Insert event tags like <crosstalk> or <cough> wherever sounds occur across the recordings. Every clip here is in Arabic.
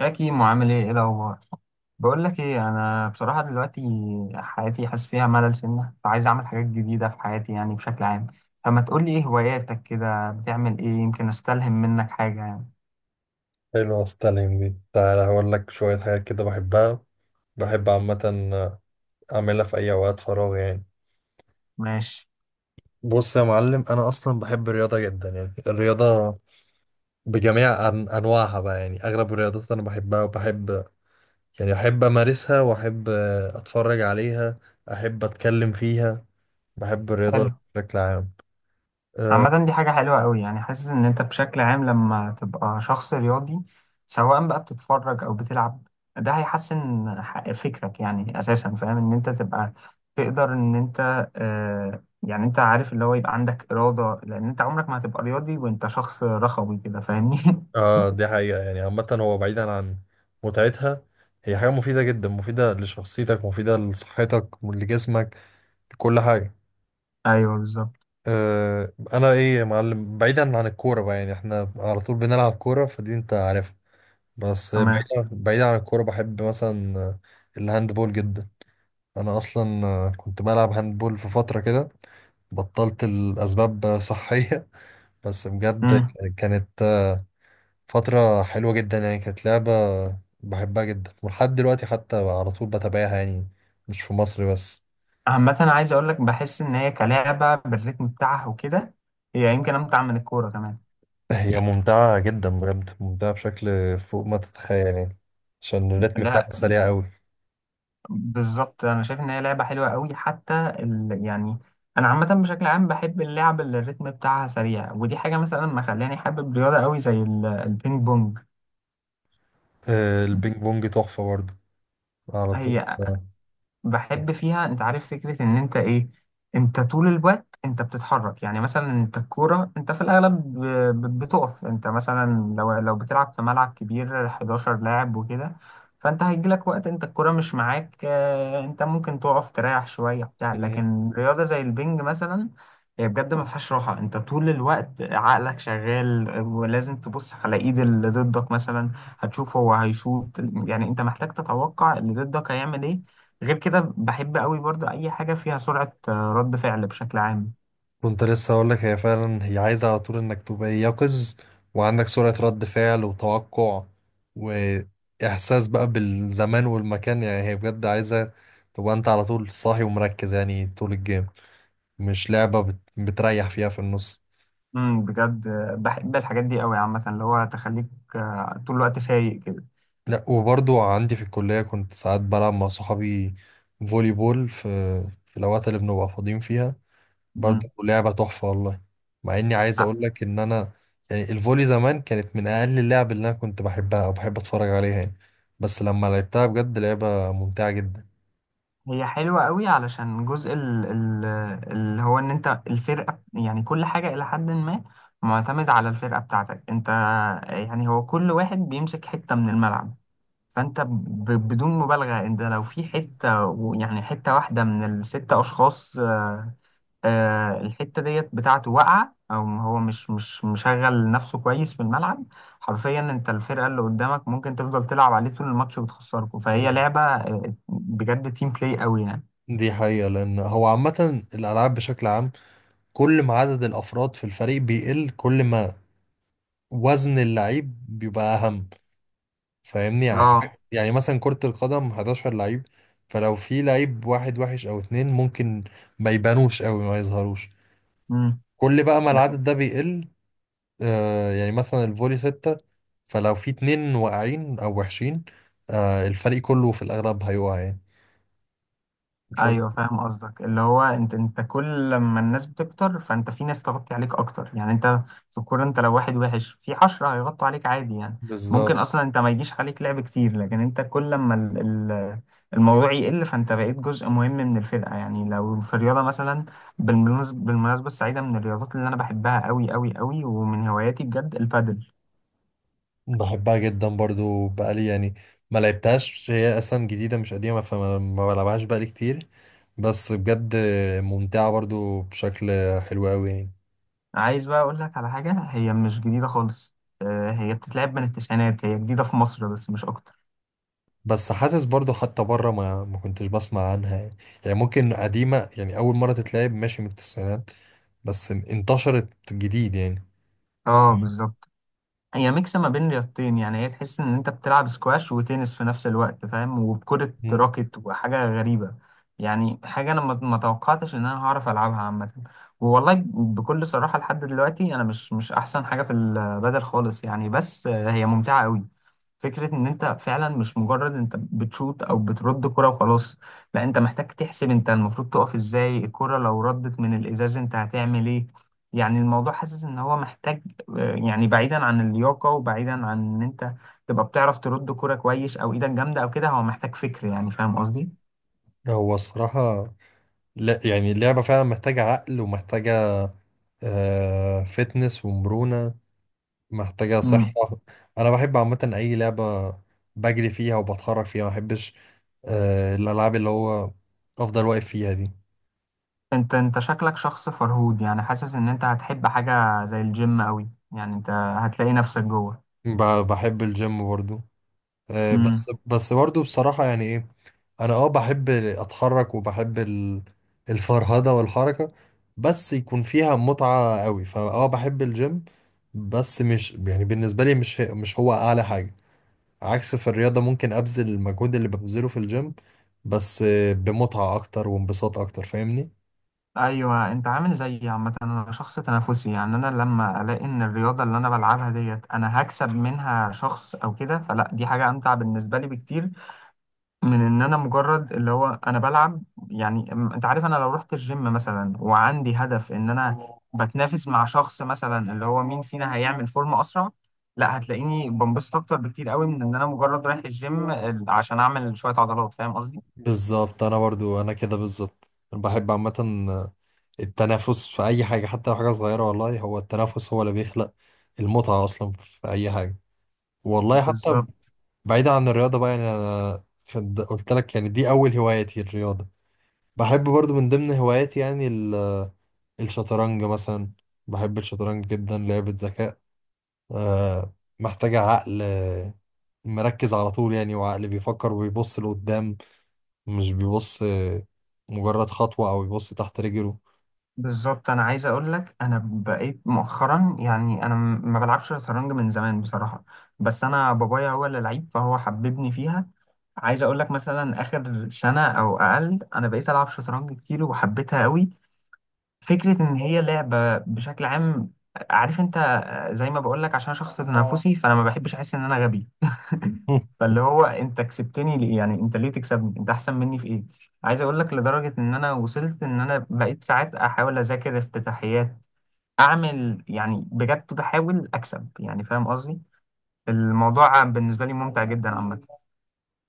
يا كيمو، عامل ايه؟ ايه الاخبار؟ بقول لك ايه، انا بصراحه دلوقتي حياتي حاسس فيها ملل سنه، فعايز اعمل حاجات جديده في حياتي يعني بشكل عام. فما تقول لي ايه هواياتك؟ كده بتعمل ايه؟ يمكن استلهم منك حاجه يعني. حلوة ستالين دي، تعالى هقول لك شوية حاجات كده بحبها. بحب عامة أعملها في أي أوقات فراغ يعني. ماشي. بص يا معلم، أنا أصلا بحب الرياضة جدا. يعني الرياضة بجميع أنواعها بقى، يعني أغلب الرياضات أنا بحبها وبحب، يعني أحب أمارسها وأحب أتفرج عليها، أحب أتكلم فيها. بحب الرياضة حلو. بشكل عام. آه, عامة دي حاجة حلوة قوي، يعني حاسس إن أنت بشكل عام لما تبقى شخص رياضي، سواء بقى بتتفرج أو بتلعب، ده هيحسن فكرك يعني. أساسا فاهم إن أنت تبقى، تقدر إن أنت يعني، أنت عارف اللي هو، يبقى عندك إرادة، لأن أنت عمرك ما هتبقى رياضي وأنت شخص رخوي كده، فاهمني؟ <laughs> آه دي حقيقة. يعني عامة هو بعيدا عن متعتها، هي حاجة مفيدة جدا، مفيدة لشخصيتك، مفيدة لصحتك لجسمك، كل حاجة. أيوه، بالظبط. أه أنا إيه يا معلم، بعيدا عن الكورة بقى، يعني إحنا على طول بنلعب كورة فدي أنت عارفها. بس تمام. بعيدا عن الكورة بحب مثلا الهاندبول جدا. أنا أصلا كنت بلعب هاندبول في فترة كده. بطلت الأسباب صحية. <laughs> بس بجد مم. كانت فترة حلوة جدا. يعني كانت لعبة بحبها جدا، ولحد دلوقتي حتى على طول بتابعها يعني، مش في مصر بس. عامة، عايز أقول لك، بحس إن هي كلعبة بالريتم بتاعها وكده، هي يمكن أمتع من الكورة كمان. هي ممتعة جدا، بجد ممتعة بشكل فوق ما تتخيل يعني، عشان الريتم بتاعها لا، سريع قوي. بالظبط، انا شايف ان هي لعبه حلوه قوي. حتى يعني، انا عامه بشكل عام بحب اللعب اللي الريتم بتاعها سريع، ودي حاجه مثلا ما خلاني حابب رياضه قوي زي البينج بونج. البينج بونج تحفة برضه، على طول هي آه. بحب فيها، انت عارف فكرة ان انت ايه، انت طول الوقت انت بتتحرك. يعني مثلا انت الكورة، انت في الاغلب بتقف. انت مثلا لو بتلعب في ملعب كبير 11 لاعب وكده، فانت هيجيلك وقت انت الكورة مش معاك، انت ممكن تقف تريح شوية بتاع، مم. لكن رياضة زي البنج مثلا هي بجد ما فيهاش راحة، انت طول الوقت عقلك شغال، ولازم تبص على ايد اللي ضدك، مثلا هتشوف هو هيشوط، يعني انت محتاج تتوقع اللي ضدك هيعمل ايه. غير كده بحب قوي برضو اي حاجه فيها سرعه رد فعل بشكل عام. كنت لسه هقول لك، هي فعلا هي عايزة على طول انك تبقى يقظ، وعندك سرعة رد فعل وتوقع، وإحساس بقى بالزمان والمكان. يعني هي بجد عايزة تبقى انت على طول صاحي ومركز يعني طول الجيم. مش لعبة بتريح فيها في النص. بجد بحب الحاجات دي قوي، عامه اللي هو تخليك طول الوقت فايق كده. لا، وبرضو عندي في الكلية كنت ساعات بلعب مع صحابي فولي بول في الأوقات اللي بنبقى فاضيين فيها. برضو امم لعبة تحفة والله. مع إني عايز ع- أقول لك إن أنا يعني الفولي زمان كانت من أقل اللعب اللي أنا كنت بحبها أو بحب أتفرج عليها يعني، بس لما لعبتها بجد لعبة ممتعة جدا. هي حلوه قوي علشان جزء اللي هو ان انت الفرقه، يعني كل حاجه الى حد ما معتمد على الفرقه بتاعتك انت. يعني هو كل واحد بيمسك حته من الملعب، فانت بدون مبالغه، انت لو في حته، يعني حته واحده من الست اشخاص، الحتة ديت بتاعته واقعة، أو هو مش مشغل نفسه كويس في الملعب، حرفيا أنت الفرقة اللي قدامك ممكن تفضل تلعب عليه طول الماتش وتخسركوا. فهي <laughs> لعبة بجد تيم بلاي قوي يعني. دي حقيقة، لأن هو عامة الألعاب بشكل عام، كل ما عدد الأفراد في الفريق بيقل، كل ما وزن اللعيب بيبقى أهم، فاهمني يعني. اه. يعني مثلا كرة القدم 11 لعيب، فلو في لعيب واحد وحش او اتنين ممكن ما يبانوش قوي، ما يظهروش. مم. كل بقى ما العدد ده بيقل، آه يعني مثلا الفولي ستة، فلو في اتنين واقعين او وحشين، آه الفريق كله في الاغلب هيقع يعني. فز- ايوه فاهم قصدك، اللي هو انت كل لما الناس بتكتر، فانت في ناس تغطي عليك اكتر، يعني انت في الكوره انت لو واحد وحش في 10 هيغطوا عليك عادي يعني. ممكن بالظبط. اصلا انت ما يجيش عليك لعب كتير، لكن انت كل لما ال- الموضوع يقل، فانت بقيت جزء مهم من الفرقه. يعني لو في الرياضه مثلا، بالمناسبه السعيده، من الرياضات اللي انا بحبها قوي قوي قوي ومن هواياتي بجد البادل. بحبها جدا برضو. بقالي يعني ما لعبتهاش، هي اصلا جديدة مش قديمة، فما ما بلعبهاش بقالي كتير. بس بجد ممتعة برضو بشكل حلو قوي يعني. عايز بقى اقول لك على حاجه، هي مش جديده خالص، هي بتتلعب من التسعينات، هي جديده في مصر بس مش اكتر. بس حاسس برضو حتى بره ما كنتش بسمع عنها يعني. يعني ممكن قديمة، يعني أول مرة تتلعب ماشي من التسعينات، بس انتشرت جديد يعني. اه مم. بالظبط. هي ميكس ما بين رياضتين، يعني هي تحس ان انت بتلعب سكواش وتنس في نفس الوقت، فاهم، وبكرة مم. راكت، وحاجة غريبة. يعني حاجة انا ما توقعتش ان انا هعرف العبها عامة. والله بكل صراحة لحد دلوقتي انا مش احسن حاجة في البدل خالص، يعني بس هي ممتعة قوي. فكرة ان انت فعلا مش مجرد انت بتشوت او بترد كرة وخلاص، لا انت محتاج تحسب انت المفروض تقف ازاي، الكرة لو ردت من الازاز انت هتعمل ايه. يعني الموضوع حاسس ان هو محتاج، يعني بعيدا عن اللياقة، وبعيدا عن ان انت تبقى بتعرف ترد كرة كويس، او ايدك جامدة او كده، هو محتاج فكر يعني، فاهم قصدي؟ هو الصراحة، لا يعني اللعبة فعلا محتاجة عقل، ومحتاجة آه فتنس ومرونة، محتاجة صحة. امم أنا بحب عامة أي لعبة بجري فيها وبتحرك فيها، ما بحبش آه الألعاب اللي هو أفضل واقف فيها دي. انت شكلك شخص فرهود، يعني حاسس ان انت هتحب حاجة زي الجيم قوي، يعني انت هتلاقي نفسك جوه. بحب الجيم برضو آه. امم بس برضو بصراحة يعني انا اه بحب اتحرك وبحب الفرهده والحركه، بس يكون فيها متعه قوي. فاه بحب الجيم، بس مش يعني بالنسبه لي مش مش هو اعلى حاجه. عكس في الرياضه ممكن ابذل المجهود اللي ببذله في الجيم، بس بمتعه اكتر وانبساط اكتر، فاهمني. ايوه، انت عامل زيي. عامة انا شخص تنافسي، يعني انا لما الاقي ان الرياضة اللي انا بلعبها ديت انا هكسب منها شخص او كده، فلا دي حاجة امتع بالنسبة لي بكتير من ان انا مجرد اللي هو انا بلعب. يعني انت عارف، انا لو رحت الجيم مثلا وعندي هدف ان انا بتنافس مع شخص مثلا اللي هو مين فينا هيعمل فورمة اسرع، لا هتلاقيني بنبسط اكتر بكتير قوي من ان انا مجرد رايح الجيم عشان اعمل شوية عضلات، فاهم قصدي؟ بالظبط. انا كده بالظبط أنا بحب عامه التنافس في اي حاجه، حتى لو حاجه صغيره. والله هو التنافس هو اللي بيخلق المتعه اصلا في اي حاجه، والله. حتى بالظبط بعيدا عن الرياضة بقى، يعني أنا قلت لك يعني دي أول هواياتي الرياضة. بحب برضو من ضمن هواياتي يعني الشطرنج مثلا. بحب الشطرنج جدا، لعبة ذكاء، آه، محتاجة عقل، مركز على طول يعني، وعقل بيفكر وبيبص لقدام، مش بيبص مجرد خطوة أو بيبص تحت رجله. بالظبط. انا عايز اقول لك انا بقيت مؤخرا، يعني انا ما بلعبش شطرنج من زمان بصراحة، بس انا بابايا هو اللي لعيب، فهو حببني فيها. عايز اقول لك مثلا اخر سنه او اقل انا بقيت العب شطرنج كتير وحبيتها قوي. فكره ان هي لعبه بشكل عام، عارف انت، زي ما بقول لك، عشان شخص تنافسي، فانا ما بحبش احس ان انا غبي. <laughs> <laughs> فاللي هو انت كسبتني ليه يعني؟ انت ليه تكسبني؟ انت احسن مني في ايه؟ عايز اقول لك لدرجه ان انا وصلت ان انا بقيت ساعات احاول اذاكر افتتاحيات، اعمل يعني بجد بحاول اكسب يعني، فاهم قصدي؟ الموضوع بالنسبه لي ممتع جدا عامه.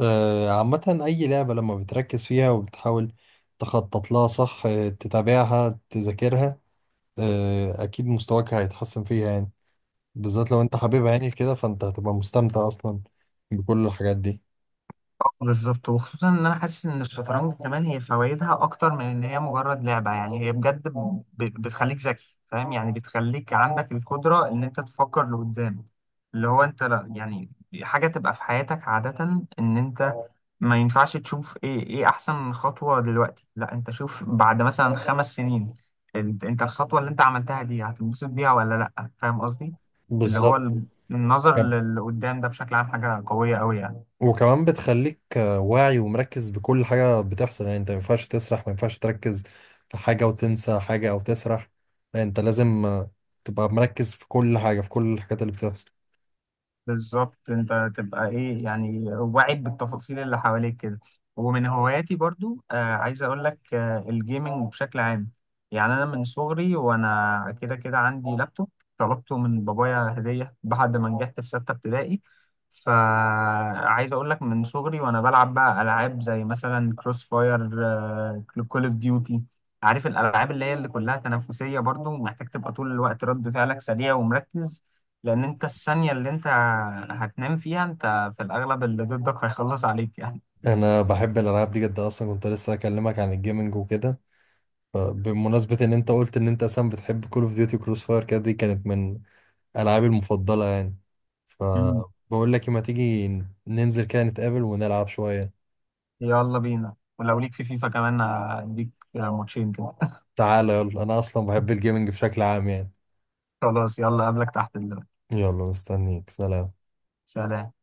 عامة أي لعبة لما بتركز فيها وبتحاول تخطط لها صح، تتابعها تذاكرها، أكيد مستواك هيتحسن فيها يعني. بالذات لو انت حبيب عيني كده، فانت هتبقى مستمتع اصلا بكل الحاجات دي. بالظبط، وخصوصا ان انا حاسس ان الشطرنج كمان هي فوائدها اكتر من ان هي مجرد لعبه، يعني هي بجد بتخليك ذكي، فاهم يعني، بتخليك عندك القدره ان انت تفكر لقدام. اللي هو انت، لا يعني، حاجه تبقى في حياتك عاده، ان انت ما ينفعش تشوف ايه احسن خطوه دلوقتي، لا انت شوف بعد مثلا 5 سنين، انت الخطوه اللي انت عملتها دي هتنبسط بيها ولا لا، فاهم قصدي؟ اللي هو، بالظبط. النظر كم- للي قدام ده بشكل عام حاجه قويه قوي يعني. وكمان بتخليك واعي ومركز بكل حاجة بتحصل. يعني انت ما ينفعش تسرح، ما ينفعش تركز في حاجة وتنسى حاجة او تسرح. لا، انت لازم تبقى مركز في كل حاجة، في كل الحاجات اللي بتحصل. بالظبط، انت تبقى ايه يعني، واعد بالتفاصيل اللي حواليك كده. ومن هواياتي برضو عايز اقول لك الجيمنج بشكل عام. يعني انا من صغري وانا كده كده عندي لابتوب، طلبته من بابايا هدية بعد ما نجحت في ستة ابتدائي. فعايز اقول لك من صغري وانا بلعب بقى العاب زي مثلا كروس فاير، كول اوف ديوتي. عارف الالعاب اللي هي اللي كلها تنافسية، برضو محتاج تبقى طول الوقت رد فعلك سريع ومركز، لان انت الثانية اللي انت هتنام فيها انت في الاغلب اللي ضدك هيخلص عليك يعني. انا بحب الالعاب دي جدا، اصلا كنت لسه اكلمك عن الجيمنج وكده. فبمناسبة ان انت قلت ان انت اصلا بتحب كول اوف ديوتي وكروس فاير كده، دي كانت من ألعابي المفضلة يعني. مم. فبقول لك ما تيجي ننزل كده نتقابل ونلعب شوية. يلا بينا، ولو ليك في فيفا كمان هديك ماتشين كده. تعالى يلا، أنا أصلا بحب الجيمنج بشكل عام يعني. <laughs> خلاص، يلا، قبلك تحت دلوقتي. يلا مستنيك، سلام. سلام.